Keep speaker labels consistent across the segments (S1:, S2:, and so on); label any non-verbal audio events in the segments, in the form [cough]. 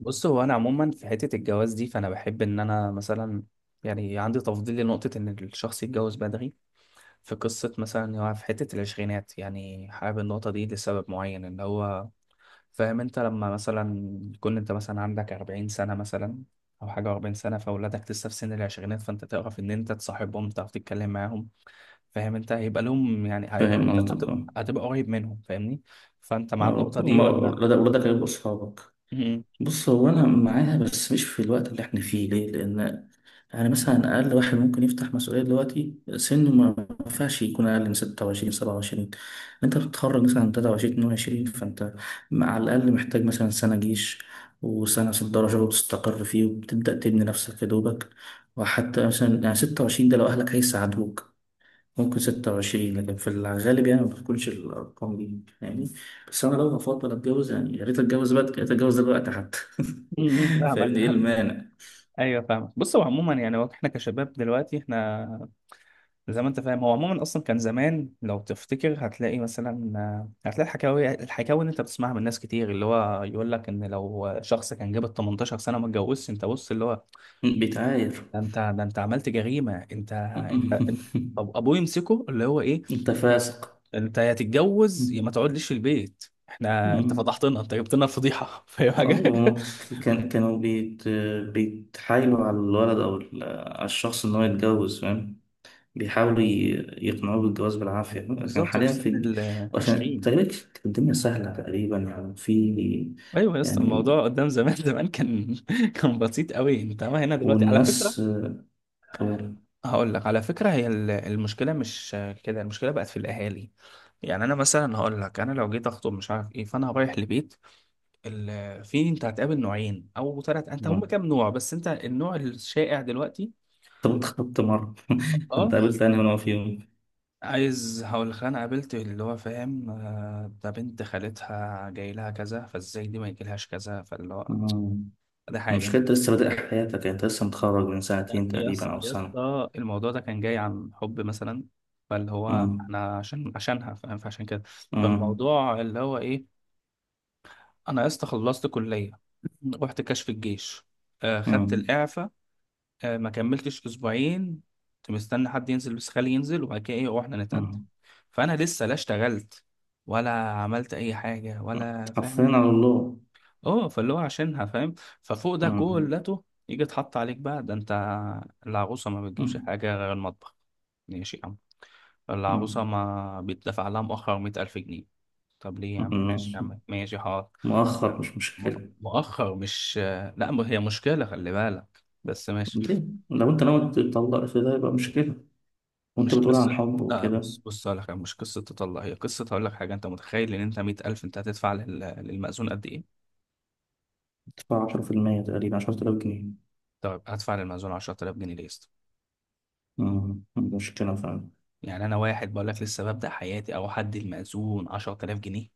S1: بص، هو انا عموما في حته الجواز دي، فانا بحب ان انا مثلا يعني عندي تفضيل لنقطه ان الشخص يتجوز بدري. في قصه مثلا إن هو في حته العشرينات، يعني حابب النقطه دي لسبب معين. ان هو فاهم انت لما مثلا تكون انت مثلا عندك 40 سنه مثلا او حاجه، 40 سنه فاولادك لسه في سن العشرينات، فانت تعرف ان انت تصاحبهم، تعرف تتكلم معاهم. فاهم انت هيبقى لهم يعني هيبقى
S2: فاهم
S1: انت
S2: قصدك
S1: هتبقى,
S2: اه.
S1: هتبقى قريب منهم، فاهمني؟ فانت مع
S2: آه،
S1: النقطه دي ولا؟
S2: ولا ده ولا ده كلام اصحابك.
S1: [laughs] م-
S2: بص هو انا معاها بس مش في الوقت اللي احنا فيه، ليه؟ لان انا مثلا اقل واحد ممكن يفتح مسؤوليه دلوقتي سنه، ما ينفعش يكون اقل من 26 27. انت بتتخرج مثلا 23 22، فانت على الاقل محتاج مثلا سنه جيش وسنه صدارة شغل تستقر فيه وبتبدا تبني نفسك يا دوبك. وحتى مثلا يعني 26، ده لو اهلك هيساعدوك ممكن 26، لكن في الغالب يعني ما بتكونش الأرقام دي يعني. بس أنا لو هفضل أتجوز، يعني يا ريت أتجوز بدري، يا ريت أتجوز دلوقتي حتى. [laughs]
S1: فاهمك.
S2: فاهمني، إيه المانع؟
S1: ايوه فاهمك. بص، هو عموما يعني هو احنا كشباب دلوقتي احنا زي ما انت فاهم، هو عموما اصلا كان زمان لو تفتكر هتلاقي مثلا، آه، هتلاقي الحكاوي اللي انت بتسمعها من ناس كتير، اللي هو يقول لك ان لو شخص كان جاب ال 18 سنه وما اتجوزش، انت بص اللي هو،
S2: بيتعاير.
S1: ده انت عملت جريمه انت. انت
S2: [laughs]
S1: طب ابوه يمسكه اللي هو ايه،
S2: أنت فاسق.
S1: انت يا تتجوز يا ما تقعدليش في البيت، احنا انت
S2: مم.
S1: فضحتنا، انت جبت لنا الفضيحه، فاهم
S2: اه
S1: حاجه؟
S2: هما
S1: [laughs]
S2: كانوا بيتحايلوا على الولد او على الشخص ان هو يتجوز فاهم. بيحاولوا يقنعوه بالجواز بالعافيه، لكن
S1: بالظبط. وفي
S2: حاليا
S1: سن
S2: في،
S1: ال
S2: عشان
S1: 20،
S2: تقريبا كانت الدنيا سهله تقريبا، يعني في.
S1: ايوه يا اسطى
S2: يعني
S1: الموضوع قدام زمان، زمان كان [laughs] كان بسيط قوي. انت ما هنا دلوقتي على فكره،
S2: والناس. آه،
S1: هقول لك على فكره، هي المشكله مش كده، المشكله بقت في الاهالي. يعني انا مثلا هقول لك، انا لو جيت اخطب مش عارف ايه، فانا رايح لبيت في انت هتقابل نوعين او ثلاث، انت هم
S2: آه،
S1: كام نوع بس؟ انت النوع الشائع دلوقتي،
S2: طب انت خطبت مرة؟ [laughs]
S1: اه
S2: انت قابلت انهي نوع فيهم؟
S1: عايز هقول لك، انا قابلت اللي هو فاهم، آه، ده بنت خالتها جاي لها كذا فازاي دي ما يجيلهاش كذا، فاللي هو
S2: آه،
S1: ده حاجه.
S2: المشكلة انت لسه بادئ حياتك، يعني انت لسه متخرج من
S1: لا،
S2: سنتين
S1: يا
S2: تقريبا
S1: اس-
S2: او
S1: يا
S2: سنة.
S1: اسطى الموضوع ده كان جاي عن حب مثلا، فاللي هو
S2: آه،
S1: احنا عشانها فاهم، فعشان كده.
S2: آه،
S1: فالموضوع اللي هو ايه، انا يا اسطى خلصت كليه، [clears throat] رحت كشف الجيش، آه خدت
S2: آه،
S1: الاعفاء، آه ما كملتش اسبوعين، كنت مستني حد ينزل بس، خالي ينزل وبعد كده ايه واحنا نتقدم.
S2: آه.
S1: فانا لسه لا اشتغلت ولا عملت اي حاجه ولا
S2: حرفيا
S1: فاهم.
S2: على الله.
S1: اه، فاللي هو عشانها فاهم. ففوق ده
S2: آه،
S1: كلته يجي اتحط عليك بقى ده انت، العروسه ما
S2: آه،
S1: بتجيبش حاجه غير المطبخ؟ ماشي يا عم.
S2: آه.
S1: العروسه ما بيتدفع لها مؤخر مية ألف جنيه؟ طب ليه
S2: آه،
S1: يا عم؟ ماشي يا
S2: ماشي.
S1: عم، ماشي حاضر.
S2: مؤخر مش
S1: م-
S2: مشكلة.
S1: مؤخر مش، لا ما هي مشكله خلي بالك، بس ماشي.
S2: ليه؟ لو انت ناوي تطلق في ده يبقى مشكلة، وانت
S1: مش
S2: بتقول عن
S1: قصه،
S2: حب
S1: لا
S2: وكده.
S1: بص بص هقول لك، مش قصه تطلع هي قصه، هقول لك حاجه. انت متخيل ان انت 100000 انت هتدفع للمأذون قد ايه؟
S2: تدفع 10% تقريبا، 10000 جنيه.
S1: طيب هدفع للمأذون 10000 جنيه ليه؟
S2: آه، مشكلة فعلا.
S1: يعني انا واحد بقول لك لسه ببدأ حياتي، او حد المأذون 10000 جنيه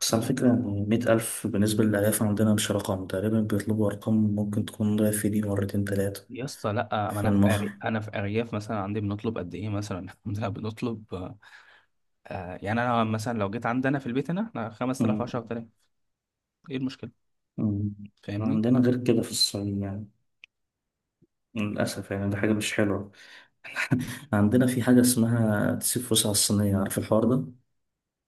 S2: بس على
S1: ليه
S2: فكرة،
S1: يابا؟
S2: يعني 100 ألف بالنسبة للألاف عندنا مش رقم، تقريبا بيطلبوا أرقام ممكن تكون ضعف دي مرتين تلاتة.
S1: يا اسطى لا، ما
S2: في
S1: انا في
S2: المخر.
S1: انا في ارياف مثلا، عندي بنطلب قد ايه مثلا؟ [laughs] الحمد لله بنطلب آه. آه، يعني انا مثلا لو جيت عندنا في البيت هنا، احنا 5000
S2: مم.
S1: 10000، ايه المشكله؟
S2: مم.
S1: فاهمني؟
S2: عندنا غير كده في الصين يعني. للأسف يعني ده حاجة مش حلوة. [laughs] عندنا في حاجة اسمها تسيب فلوس على الصينية، عارف الحوار ده؟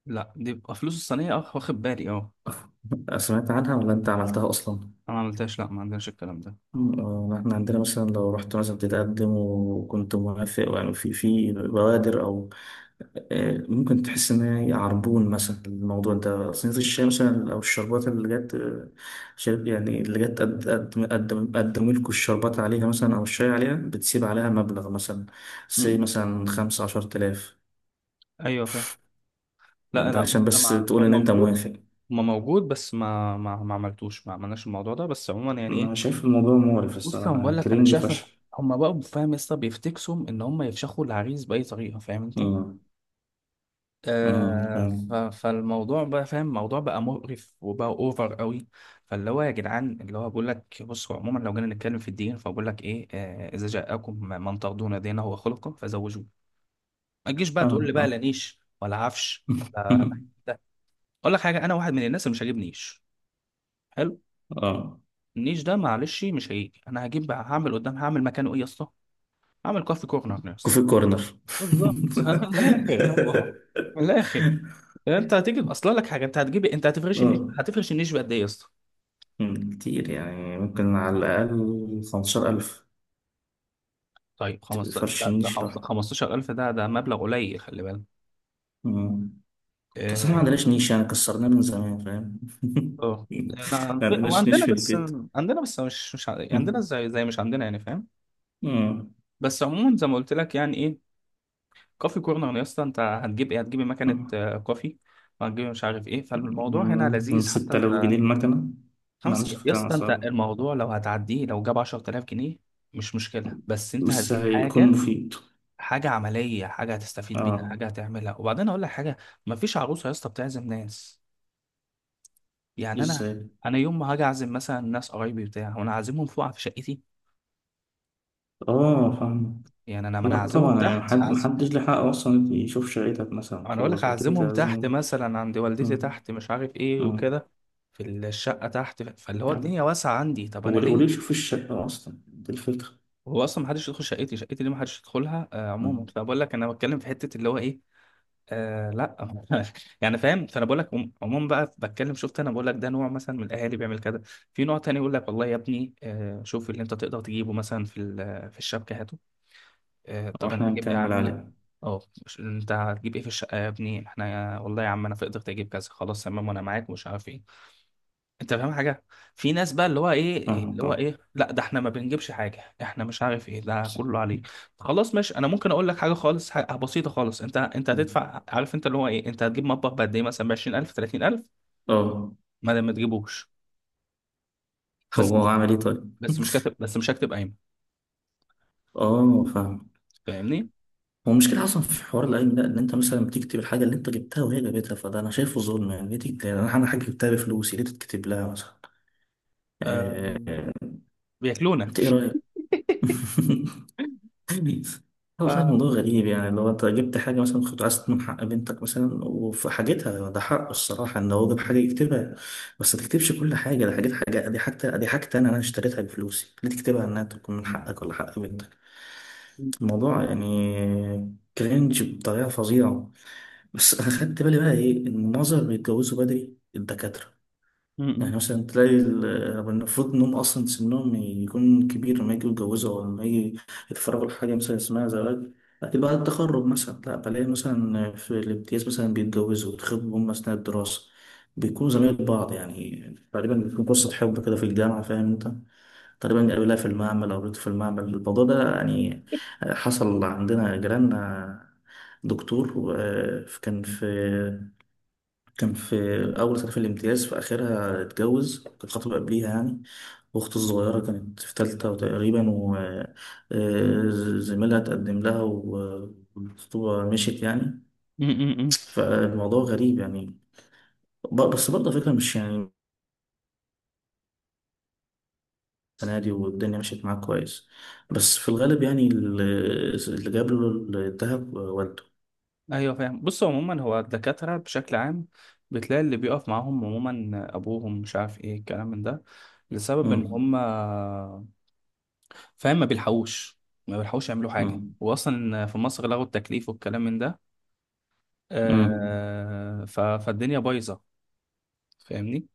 S1: لا دي بقى فلوس الصينيه، اه واخد بالي اه.
S2: [laughs] سمعت عنها ولا أنت عملتها أصلا؟
S1: انا ما عملتهاش، لا ما عندناش الكلام ده.
S2: آه، احنا عندنا مثلا لو رحت مثلا تتقدم وكنت موافق، يعني في بوادر او. آه، ممكن تحس إن هي عربون مثلا. الموضوع ده صينية الشاي مثلا أو الشربات اللي جت آه، شرب، يعني اللي جت قدموا لكم الشربات عليها مثلا أو الشاي عليها، بتسيب عليها مبلغ مثلا سي
S1: م-
S2: مثلا 15000.
S1: ايوه فاهم. لا
S2: ده
S1: لا بص،
S2: عشان
S1: أنا
S2: بس
S1: مع... هو
S2: تقول إن أنت
S1: موجود،
S2: موافق.
S1: ما موجود بس ما ما عملتوش، ما عملناش الموضوع ده بس. عموما يعني
S2: أنا
S1: ايه،
S2: شايف الموضوع مقرف
S1: بص
S2: الصراحة،
S1: لما بقول
S2: يعني
S1: لك انا
S2: كرنج
S1: شايف
S2: فشخ.
S1: [laughs] هما بقى فاهم لسه بيفتكسوا ان هما يفشخوا العريس باي طريقه، فاهم انت؟
S2: أمم،
S1: آه
S2: فاهم.
S1: فالموضوع بقى فاهم، الموضوع بقى مقرف وبقى اوفر قوي. فاللي هو يا جدعان اللي هو بقول لك، بصوا عموما لو جينا نتكلم في الدين فبقول لك ايه، آه اذا جاءكم من ترضون دينه وخلقه فزوجوه. ما تجيش بقى تقول لي
S2: فاهم
S1: بقى لا
S2: آه.
S1: نيش ولا عفش ولا،
S2: [laughs]
S1: ده اقول لك حاجه، انا واحد من الناس اللي مش هجيب نيش. حلو،
S2: آه.
S1: النيش ده معلش مش هيجي، انا هجيب هعمل قدام، هعمل مكانه ايه يا اسطى؟ هعمل كوفي كورنر.
S2: كوفي كورنر. [laughs]
S1: بالظبط [laughs] من الاخر يلا، من الاخر. انت هتجيب اصلا لك حاجه، انت هتجيب انت هتفرش النيش،
S2: آه.
S1: هتفرش النيش بقد ايه يا اسطى؟
S2: مم، كتير يعني ممكن على الأقل 15 ألف.
S1: طيب 15
S2: فرش
S1: ده،
S2: النيش لوحده.
S1: 15000 ده مبلغ قليل، خلي بالك.
S2: مم. أصل إحنا ما
S1: اه
S2: عندناش نيش يعني، كسرناه من زمان فاهم.
S1: آه.
S2: [laughs]
S1: انا
S2: ما
S1: في- هو
S2: عندناش نيش
S1: عندنا
S2: في
S1: بس،
S2: البيت.
S1: عندنا بس مش مش عندنا
S2: مم.
S1: زي زي، مش عندنا يعني، فاهم؟
S2: مم.
S1: بس عموما زي ما قلت لك يعني ايه، كوفي كورنر يا اسطى، انت هتجيب ايه؟ هتجيب مكنه آه، كوفي، وهتجيب مش عارف ايه، فالموضوع هنا
S2: مم.
S1: لذيذ حتى
S2: ستة
S1: انت.
S2: آلاف جنيه المكنة. ما
S1: خمس
S2: عنديش
S1: يا
S2: فكرة عن
S1: اسطى، انت
S2: صراحة،
S1: الموضوع لو هتعديه لو جاب 10000 جنيه، مش مشكله، بس انت
S2: بس
S1: هتجيب
S2: هيكون
S1: حاجه،
S2: مفيد.
S1: حاجه عمليه، حاجه هتستفيد بيها،
S2: اه.
S1: حاجه هتعملها. وبعدين اقول لك حاجه، مفيش عروسه يا اسطى بتعزم ناس. يعني انا،
S2: ازاي؟
S1: انا يوم ما هاجي اعزم مثلا ناس قرايبي بتاع، وانا عازمهم فوق في شقتي؟
S2: اه فاهم.
S1: يعني انا ما
S2: لا
S1: انا هعزمهم
S2: طبعا، يعني
S1: تحت، هعزم.
S2: محدش له حق اصلا يشوف شقتك مثلا
S1: انا اقول لك
S2: خالص، اكيد
S1: هعزمهم تحت
S2: هتعزمه.
S1: مثلا عند والدتي
S2: مم.
S1: تحت مش عارف ايه
S2: مم.
S1: وكده، في الشقه تحت، فاللي هو الدنيا
S2: آه.
S1: واسعه عندي. طب انا
S2: وليه
S1: ليه،
S2: يشوف الشقة أصلا، دي الفكرة.
S1: هو اصلا ما حدش يدخل شقتي، شقتي ليه ما حدش يدخلها آه. عموما
S2: مم.
S1: فبقول لك، انا بتكلم في حته اللي هو ايه. آه لا [laughs] يعني فاهم. فانا بقول لك، عموما بقى بتكلم، شفت انا بقول لك، ده نوع مثلا من الاهالي بيعمل كده. في نوع تاني يقول لك، والله يا ابني آه شوف اللي انت تقدر تجيبه مثلا في في الشبكه، هاته. آه طب
S2: وإحنا
S1: انا هجيب ايه يا
S2: هنكمل
S1: عمي؟
S2: عليه.
S1: اه انت هتجيب ايه في الشقه يا ابني؟ احنا والله يا عم، انا في قدرتي اجيب كذا خلاص تمام، وانا معاك ومش عارف ايه، انت فاهم حاجه؟ في ناس بقى اللي هو ايه اللي
S2: فاهمك
S1: هو
S2: أه.
S1: ايه، لا ده احنا ما بنجيبش حاجه، احنا مش عارف ايه ده
S2: بس-
S1: كله عليه. خلاص ماشي، انا ممكن اقول لك حاجه خالص، حاجة بسيطه خالص، انت انت
S2: مم.
S1: هتدفع عارف انت اللي هو ايه، انت هتجيب مطبخ بقد ايه مثلا، ب 20000 30000،
S2: أه.
S1: ما دام ما تجيبوش بس،
S2: هو عمل إيه طيب؟
S1: بس مش
S2: [laughs]
S1: كاتب، بس مش هكتب قايمه،
S2: أه فاهم.
S1: فاهمني؟
S2: هو المشكلة أصلا في حوار العلم ده، إن أنت مثلا بتكتب الحاجة اللي أنت جبتها وهي جابتها، فده أنا شايفه ظلم. يعني ليه تكتب، يعني أنا حاجة جبتها بفلوسي، ليه تتكتب لها مثلا؟
S1: آه
S2: آه،
S1: بياكلونا.
S2: أنت إيه رأيك؟ [laughs] غريب. هو
S1: ف
S2: والله الموضوع غريب. يعني لو انت جبت حاجة مثلا كنت عايز تضمن حق بنتك مثلا، وفي حاجتها ده حقه الصراحة ان هو جاب حاجة يكتبها. بس ما تكتبش كل حاجة، ده حاجات، حاجة دي حاجة دي حاجة انا اشتريتها بفلوسي، ليه تكتبها انها تكون من حقك ولا حق بنتك؟
S1: م-
S2: الموضوع يعني كرنج بطريقة فظيعة. بس انا خدت بالي بقى ايه، ان معظم اللي بيتجوزوا بدري الدكاترة.
S1: م-
S2: يعني مثلا تلاقي يعني المفروض إنهم أصلا سنهم يكون كبير لما يجوا يتجوزوا أو لما يجي يتفرغوا لحاجة مثلا اسمها زواج. لكن بعد التخرج مثلا لا، بلاقي مثلا في الامتياز مثلا بيتجوزوا ويتخطبوا هم أثناء الدراسة. بيكونوا زمايل بعض، يعني تقريبا بتكون قصة حب كده في الجامعة، فاهم أنت. تقريبا قابلها في المعمل أو قابلته في المعمل، الموضوع ده يعني حصل عندنا جيراننا. دكتور آه، كان في أول سنة في الامتياز، في آخرها اتجوز، كانت خطبة قبليها يعني. وأخته الصغيرة كانت في تالتة تقريبا، وزميلها تقدم لها والخطوبة مشيت يعني.
S1: م- م- م.
S2: فالموضوع غريب يعني. بس برضه على فكرة، مش يعني السنة دي والدنيا مشيت معاه كويس. بس في الغالب يعني اللي جاب له الذهب والده.
S1: ايوه فاهم. بص عموما، هو الدكاترة بشكل عام بتلاقي اللي بيقف معاهم عموما ابوهم مش عارف ايه الكلام من ده، لسبب ان
S2: مم.
S1: هم فاهم ما بيلحقوش، ما بيلحقوش يعملوا حاجة،
S2: مم.
S1: واصلا في مصر لغوا التكليف والكلام من ده.
S2: مم.
S1: آه فالدنيا بايظة، فاهمني؟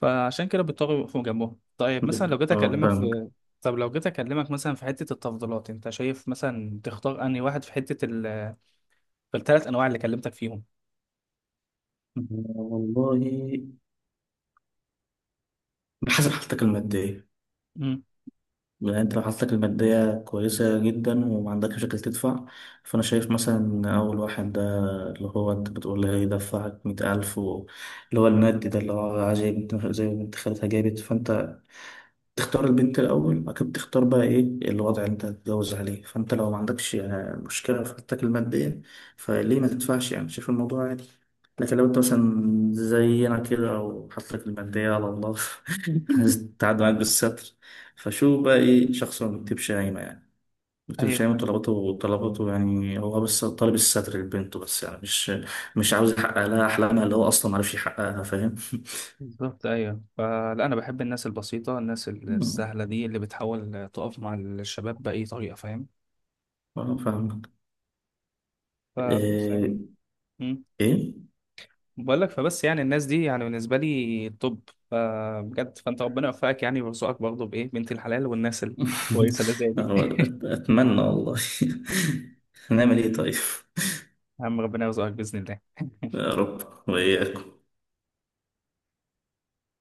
S1: فعشان كده بيضطروا يقفوا جنبهم. طيب مثلا لو جيت
S2: اه
S1: اكلمك
S2: فاهمك.
S1: في، طب لو جيت اكلمك مثلا في حتة التفضيلات، انت شايف مثلا تختار انهي واحد في حتة في الثلاث انواع اللي كلمتك فيهم؟
S2: والله بحسب حالتك المادية.
S1: مم.
S2: يعني انت لو حالتك المادية كويسة جدا وما عندكش مشاكل تدفع، فأنا شايف مثلا إن أول واحد ده، اللي هو أنت بتقول لي هيدفعك 100 ألف اللي هو المادي، ده اللي هو عايز زي ما بنت خالتها جابت. فأنت تختار البنت الأول، بعد كده بتختار بقى إيه الوضع اللي أنت هتتجوز عليه. فأنت لو ما عندكش آه، مشكلة في حالتك المادية، فليه ما تدفعش؟ يعني شايف الموضوع عادي. لكن لو أنت مثلا زينا كده أو حالتك المادية على الله، [laughs]
S1: [laughs]
S2: هتتعدى معاك بالستر. فشو بقى إيه، شخص ما بيكتبش قايمة يعني، ما بيكتبش
S1: ايوه
S2: قايمة طلباته، طلباته يعني هو بس طالب الستر لبنته بس، يعني مش عاوز يحقق لها أحلامها اللي هو أصلا ما عرفش يحققها، فاهم؟
S1: بالظبط، ايوه. فلا، انا بحب الناس البسيطه، الناس السهله
S2: [laughs]
S1: دي اللي بتحاول تقف مع الشباب باي طريقه، فاهم؟
S2: آه، فاهمك.
S1: فبص يعني،
S2: إيه؟
S1: امم،
S2: إيه؟
S1: بقول لك، فبس يعني الناس دي يعني بالنسبه لي توب، فبجد فانت ربنا يوفقك يعني ويرزقك برضه بايه، بنت الحلال والناس
S2: [laughs]
S1: الكويسه اللي زي
S2: يا
S1: دي.
S2: رب،
S1: [laughs]
S2: أتمنى والله. [laughs] هنعمل إيه طيب؟ [laughs]
S1: يا عم ربنا يرزقك باذن الله.
S2: يا رب. وإياك.